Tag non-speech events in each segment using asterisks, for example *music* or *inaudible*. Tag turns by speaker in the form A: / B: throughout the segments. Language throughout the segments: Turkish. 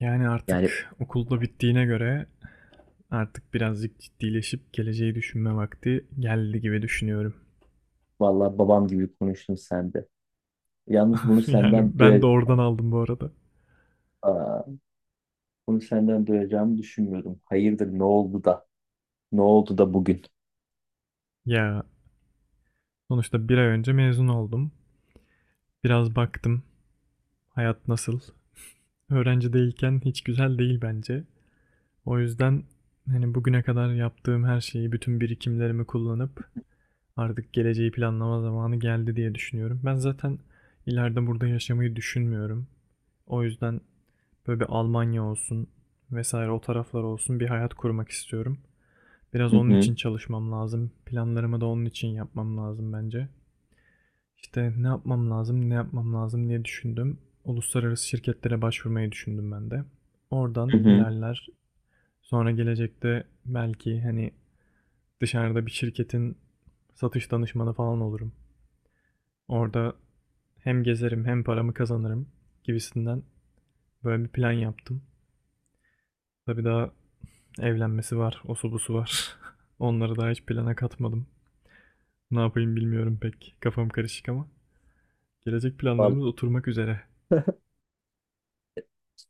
A: Yani
B: Yani
A: artık okulda bittiğine göre artık birazcık ciddileşip geleceği düşünme vakti geldi gibi düşünüyorum.
B: vallahi babam gibi konuştun sen de. Yalnız bunu
A: *laughs*
B: senden
A: Yani ben
B: duya
A: de oradan aldım bu arada.
B: Aa, bunu senden duyacağımı düşünmüyordum. Hayırdır ne oldu da? Ne oldu da bugün?
A: Ya sonuçta bir ay önce mezun oldum. Biraz baktım hayat nasıl. Öğrenci değilken hiç güzel değil bence. O yüzden hani bugüne kadar yaptığım her şeyi, bütün birikimlerimi kullanıp artık geleceği planlama zamanı geldi diye düşünüyorum. Ben zaten ileride burada yaşamayı düşünmüyorum. O yüzden böyle bir Almanya olsun vesaire o taraflar olsun bir hayat kurmak istiyorum. Biraz
B: Hı
A: onun
B: hı,
A: için çalışmam lazım. Planlarımı da onun için yapmam lazım bence. İşte ne yapmam lazım, ne yapmam lazım diye düşündüm. Uluslararası şirketlere başvurmayı düşündüm ben de.
B: hı
A: Oradan
B: hı.
A: ilerler. Sonra gelecekte belki hani dışarıda bir şirketin satış danışmanı falan olurum. Orada hem gezerim hem paramı kazanırım gibisinden böyle bir plan yaptım. Tabii daha evlenmesi var, osu busu var. *laughs* Onları daha hiç plana katmadım. Ne yapayım bilmiyorum pek. Kafam karışık ama. Gelecek
B: Vallahi
A: planlarımız oturmak üzere.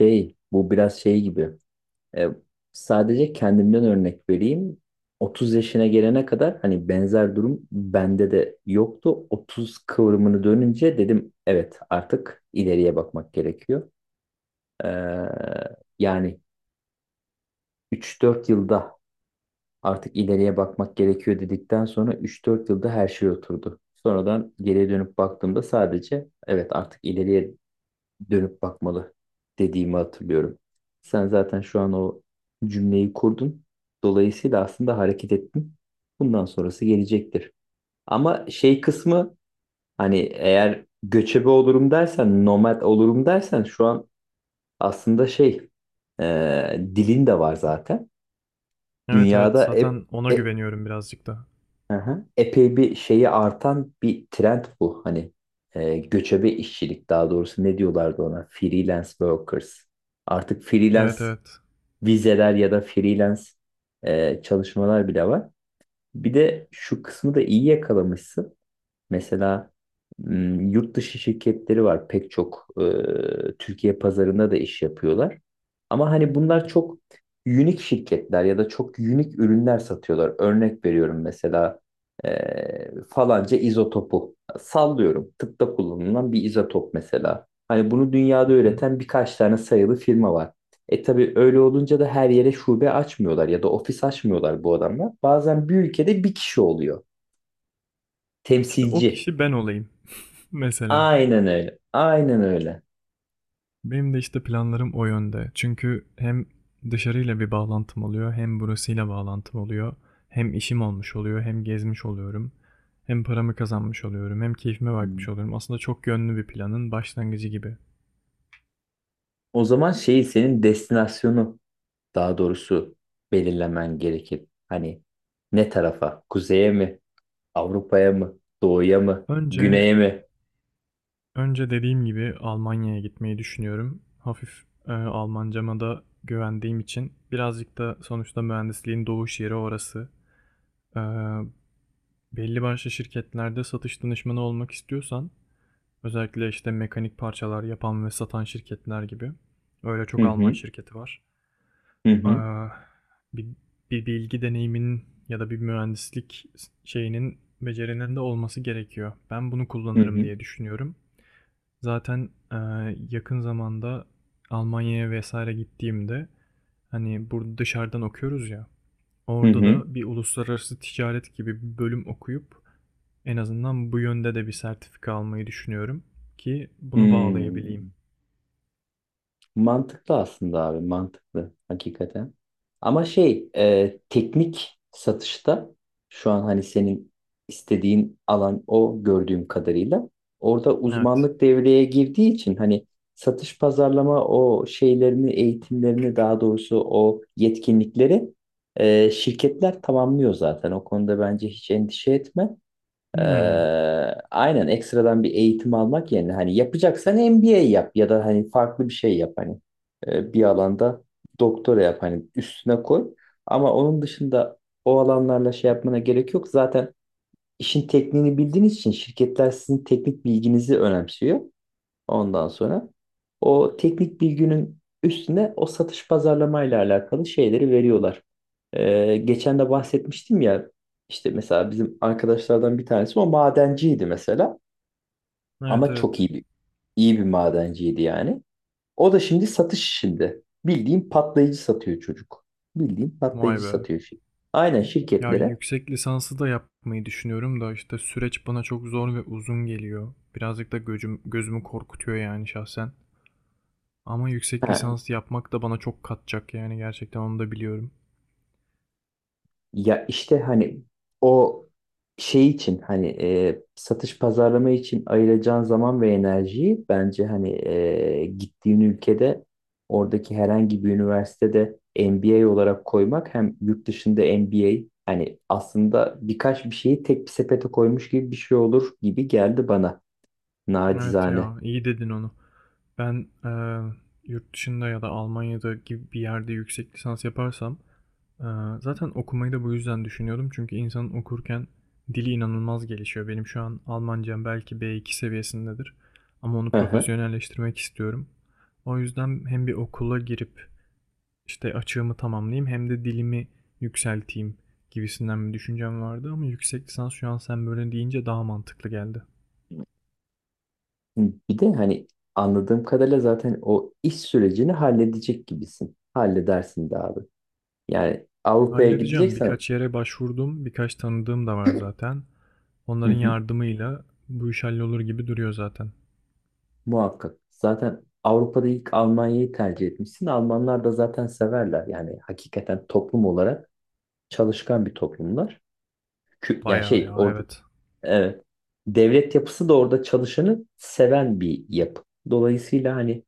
B: şey, bu biraz şey gibi. E, sadece kendimden örnek vereyim. 30 yaşına gelene kadar hani benzer durum bende de yoktu. 30 kıvrımını dönünce dedim evet, artık ileriye bakmak gerekiyor. Ee, Yani 3-4 yılda artık ileriye bakmak gerekiyor dedikten sonra 3-4 yılda her şey oturdu. Sonradan geriye dönüp baktığımda sadece evet artık ileriye dönüp bakmalı, dediğimi hatırlıyorum. Sen zaten şu an o cümleyi kurdun. Dolayısıyla aslında hareket ettin. Bundan sonrası gelecektir. Ama şey kısmı hani eğer göçebe olurum dersen, nomad olurum dersen şu an aslında dilin de var zaten.
A: Evet evet,
B: Dünyada hep
A: zaten ona
B: e-
A: güveniyorum birazcık da.
B: hı hı. Epey bir şeyi artan bir trend bu. Hani göçebe işçilik, daha doğrusu ne diyorlardı ona? Freelance workers. Artık freelance
A: Evet evet.
B: vizeler ya da freelance çalışmalar bile var. Bir de şu kısmı da iyi yakalamışsın. Mesela yurt dışı şirketleri var pek çok, Türkiye pazarında da iş yapıyorlar. Ama hani bunlar çok unik şirketler ya da çok unik ürünler satıyorlar. Örnek veriyorum, mesela falanca izotopu sallıyorum. Tıpta kullanılan bir izotop mesela. Hani bunu dünyada
A: Hı hı.
B: üreten birkaç tane sayılı firma var. E tabii öyle olunca da her yere şube açmıyorlar ya da ofis açmıyorlar bu adamlar. Bazen bir ülkede bir kişi oluyor.
A: İşte o
B: Temsilci.
A: kişi ben olayım. *laughs* Mesela.
B: Aynen öyle. Aynen öyle.
A: Benim de işte planlarım o yönde. Çünkü hem dışarıyla bir bağlantım oluyor, hem burasıyla bağlantım oluyor. Hem işim olmuş oluyor, hem gezmiş oluyorum. Hem paramı kazanmış oluyorum, hem keyfime
B: Hmm.
A: bakmış oluyorum. Aslında çok yönlü bir planın başlangıcı gibi.
B: O zaman senin destinasyonu daha doğrusu belirlemen gerekir. Hani ne tarafa? Kuzeye mi? Avrupa'ya mı? Doğuya mı?
A: Önce
B: Güneye mi?
A: önce dediğim gibi Almanya'ya gitmeyi düşünüyorum. Hafif Almancama da güvendiğim için birazcık da sonuçta mühendisliğin doğuş yeri orası. E, Belli başlı şirketlerde satış danışmanı olmak istiyorsan özellikle işte mekanik parçalar yapan ve satan şirketler gibi. Öyle
B: Hı
A: çok Alman
B: hı.
A: şirketi var.
B: Hı hı.
A: Ee, bir, bir bilgi deneyiminin ya da bir mühendislik şeyinin becerinin de olması gerekiyor. Ben bunu
B: Hı
A: kullanırım
B: hı.
A: diye düşünüyorum. Zaten yakın zamanda Almanya'ya vesaire gittiğimde hani burada dışarıdan okuyoruz ya.
B: Hı
A: Orada
B: hı.
A: da bir uluslararası ticaret gibi bir bölüm okuyup en azından bu yönde de bir sertifika almayı düşünüyorum ki bunu bağlayabileyim.
B: Hmm. Mantıklı aslında abi, mantıklı hakikaten. Ama teknik satışta şu an hani senin istediğin alan o, gördüğüm kadarıyla orada
A: Evet.
B: uzmanlık devreye girdiği için hani satış pazarlama o şeylerini, eğitimlerini, daha doğrusu o yetkinlikleri şirketler tamamlıyor zaten. O konuda bence hiç endişe etme. Ee,
A: Hmm.
B: aynen, ekstradan bir eğitim almak yerine hani yapacaksan MBA yap ya da hani farklı bir şey yap hani. Bir alanda doktora yap, hani üstüne koy, ama onun dışında o alanlarla şey yapmana gerek yok zaten. İşin tekniğini bildiğiniz için şirketler sizin teknik bilginizi önemsiyor. Ondan sonra o teknik bilginin üstüne o satış pazarlamayla ile alakalı şeyleri veriyorlar. Geçen de bahsetmiştim ya, işte mesela bizim arkadaşlardan bir tanesi o madenciydi mesela,
A: Evet
B: ama çok
A: evet.
B: iyi bir, iyi bir madenciydi yani. O da şimdi satış işinde. Bildiğin patlayıcı satıyor çocuk. Bildiğin
A: Vay
B: patlayıcı
A: be.
B: satıyor şimdi. Aynen,
A: Ya
B: şirketlere.
A: yüksek lisansı da yapmayı düşünüyorum da işte süreç bana çok zor ve uzun geliyor. Birazcık da gözüm, gözümü korkutuyor yani şahsen. Ama yüksek
B: Ha,
A: lisans yapmak da bana çok katacak yani gerçekten onu da biliyorum.
B: ya işte hani o şey için hani satış pazarlama için ayıracağın zaman ve enerjiyi bence hani gittiğin ülkede oradaki herhangi bir üniversitede MBA olarak koymak, hem yurt dışında MBA, hani aslında birkaç bir şeyi tek bir sepete koymuş gibi bir şey olur gibi geldi bana,
A: Evet
B: nacizane.
A: ya, iyi dedin onu. Ben yurt dışında ya da Almanya'da gibi bir yerde yüksek lisans yaparsam eee, zaten okumayı da bu yüzden düşünüyordum. Çünkü insanın okurken dili inanılmaz gelişiyor. Benim şu an Almancam belki B2 seviyesindedir ama onu
B: Hı hı.
A: profesyonelleştirmek istiyorum. O yüzden hem bir okula girip işte açığımı tamamlayayım hem de dilimi yükselteyim gibisinden bir düşüncem vardı ama yüksek lisans şu an sen böyle deyince daha mantıklı geldi.
B: Bir de hani anladığım kadarıyla zaten o iş sürecini halledecek gibisin. Halledersin de abi. Yani Avrupa'ya
A: Halledeceğim.
B: gideceksen,
A: Birkaç yere başvurdum. Birkaç tanıdığım da var zaten.
B: hı
A: Onların
B: hı,
A: yardımıyla bu iş hallolur gibi duruyor zaten.
B: muhakkak. Zaten Avrupa'da ilk Almanya'yı tercih etmişsin. Almanlar da zaten severler. Yani hakikaten toplum olarak çalışkan bir toplumlar. Yani
A: Bayağı ya,
B: orada,
A: evet.
B: evet. Devlet yapısı da orada çalışanı seven bir yapı. Dolayısıyla hani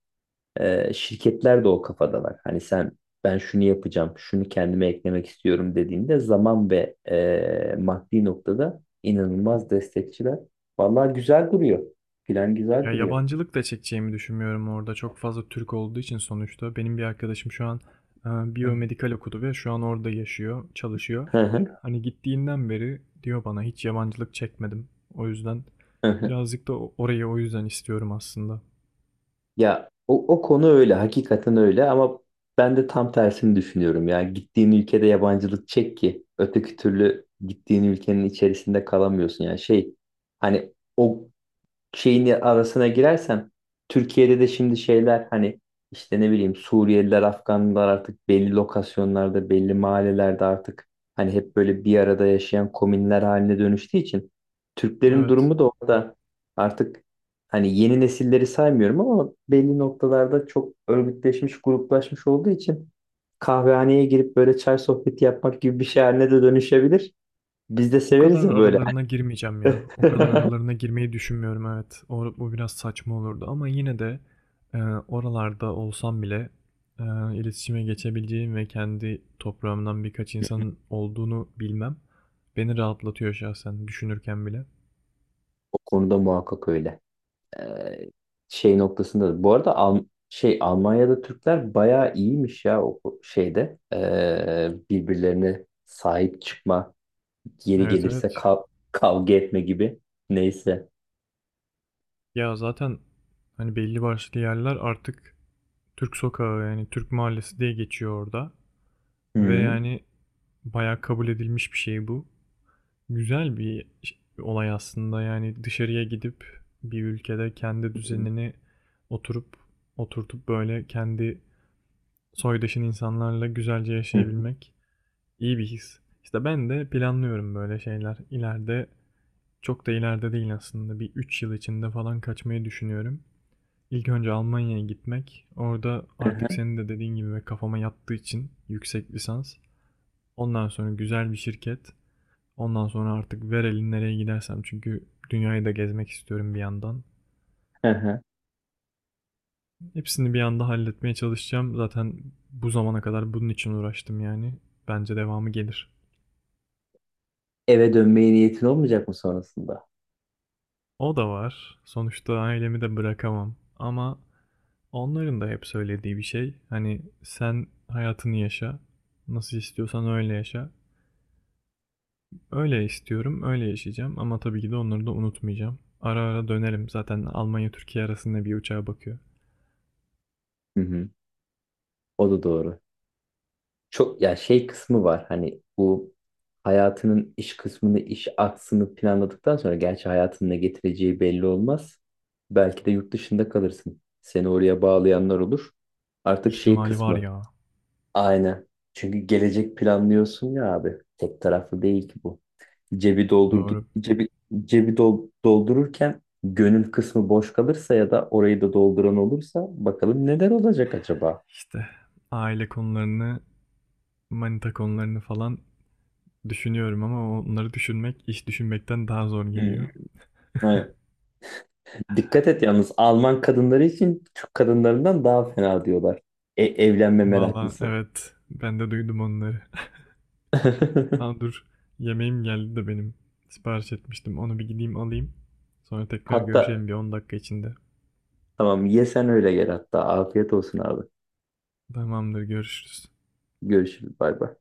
B: Şirketler de o kafadalar. Hani sen ben şunu yapacağım, şunu kendime eklemek istiyorum dediğinde zaman ve maddi noktada inanılmaz destekçiler. Vallahi güzel duruyor. Plan güzel
A: Ya
B: duruyor.
A: yabancılık da çekeceğimi düşünmüyorum orada. Çok fazla Türk olduğu için sonuçta. Benim bir arkadaşım şu an
B: Hı
A: biyomedikal okudu ve şu an orada yaşıyor, çalışıyor.
B: hı,
A: Hani gittiğinden beri diyor bana hiç yabancılık çekmedim. O yüzden
B: hı hı.
A: birazcık da orayı o yüzden istiyorum aslında.
B: Ya o, o konu öyle, hakikaten öyle, ama ben de tam tersini düşünüyorum. Ya gittiğin ülkede yabancılık çek ki, öteki türlü gittiğin ülkenin içerisinde kalamıyorsun. Yani hani o şeyin arasına girersem, Türkiye'de de şimdi hani işte, ne bileyim, Suriyeliler, Afganlar artık belli lokasyonlarda, belli mahallelerde artık hani hep böyle bir arada yaşayan komünler haline dönüştüğü için, Türklerin
A: Evet.
B: durumu da orada artık, hani yeni nesilleri saymıyorum ama, belli noktalarda çok örgütleşmiş, gruplaşmış olduğu için kahvehaneye girip böyle çay sohbeti yapmak gibi bir şey haline de dönüşebilir. Biz de
A: O
B: severiz
A: kadar
B: ya böyle.
A: aralarına girmeyeceğim ya.
B: *laughs*
A: O kadar aralarına girmeyi düşünmüyorum, evet. O, bu biraz saçma olurdu ama yine de oralarda olsam bile e, iletişime geçebileceğim ve kendi toprağımdan birkaç insanın olduğunu bilmem beni rahatlatıyor şahsen düşünürken bile.
B: O konuda muhakkak öyle. Ee, Şey noktasında. Bu arada Al şey Almanya'da Türkler bayağı iyiymiş ya o şeyde. Birbirlerine sahip çıkma, yeri
A: Evet
B: gelirse
A: evet.
B: kavga etme gibi. Neyse.
A: Ya zaten hani belli başlı yerler artık Türk sokağı yani Türk mahallesi diye geçiyor orada.
B: Hı
A: Ve
B: hı.
A: yani bayağı kabul edilmiş bir şey bu. Güzel bir olay aslında, yani dışarıya gidip bir ülkede kendi düzenini oturup oturtup, böyle, kendi soydaşın insanlarla güzelce
B: Hı hı.
A: yaşayabilmek iyi bir his. İşte ben de planlıyorum böyle şeyler. İleride, çok da ileride değil aslında, bir 3 yıl içinde falan kaçmayı düşünüyorum. İlk önce Almanya'ya gitmek. Orada
B: Hı
A: artık
B: hı.
A: senin de dediğin gibi ve kafama yattığı için yüksek lisans. Ondan sonra güzel bir şirket. Ondan sonra artık ver elin nereye gidersem çünkü dünyayı da gezmek istiyorum bir yandan.
B: Hı hı.
A: Hepsini bir anda halletmeye çalışacağım. Zaten bu zamana kadar bunun için uğraştım yani. Bence devamı gelir.
B: Eve dönmeye niyetin olmayacak mı sonrasında?
A: O da var. Sonuçta ailemi de bırakamam. Ama onların da hep söylediği bir şey. Hani sen hayatını yaşa. Nasıl istiyorsan öyle yaşa. Öyle istiyorum, öyle yaşayacağım ama tabii ki de onları da unutmayacağım. Ara ara dönerim. Zaten Almanya Türkiye arasında bir uçağa bakıyor.
B: Hı hı. O da doğru. Çok ya, şey kısmı var hani, bu hayatının iş kısmını, iş aksını planladıktan sonra, gerçi hayatının ne getireceği belli olmaz. Belki de yurt dışında kalırsın. Seni oraya bağlayanlar olur. Artık şey
A: İhtimali var
B: kısmı,
A: ya.
B: aynen. Çünkü gelecek planlıyorsun ya abi. Tek taraflı değil ki bu. Cebi doldurduk
A: Doğru.
B: cebi cebi dol- doldururken gönül kısmı boş kalırsa, ya da orayı da dolduran olursa, bakalım neler olacak acaba?
A: İşte aile konularını, manita konularını falan düşünüyorum ama onları düşünmek iş düşünmekten daha zor geliyor.
B: Hmm. Dikkat et yalnız, Alman kadınları için Türk kadınlarından daha fena diyorlar. E, evlenme
A: Valla
B: meraklısı.
A: evet, ben de duydum onları. *laughs* Aa
B: *laughs*
A: dur, yemeğim geldi de benim. Sipariş etmiştim onu, bir gideyim alayım. Sonra tekrar
B: Hatta,
A: görüşelim bir 10 dakika içinde.
B: tamam, ye sen, öyle gel hatta. Afiyet olsun abi.
A: Tamamdır, görüşürüz.
B: Görüşürüz, bay bay.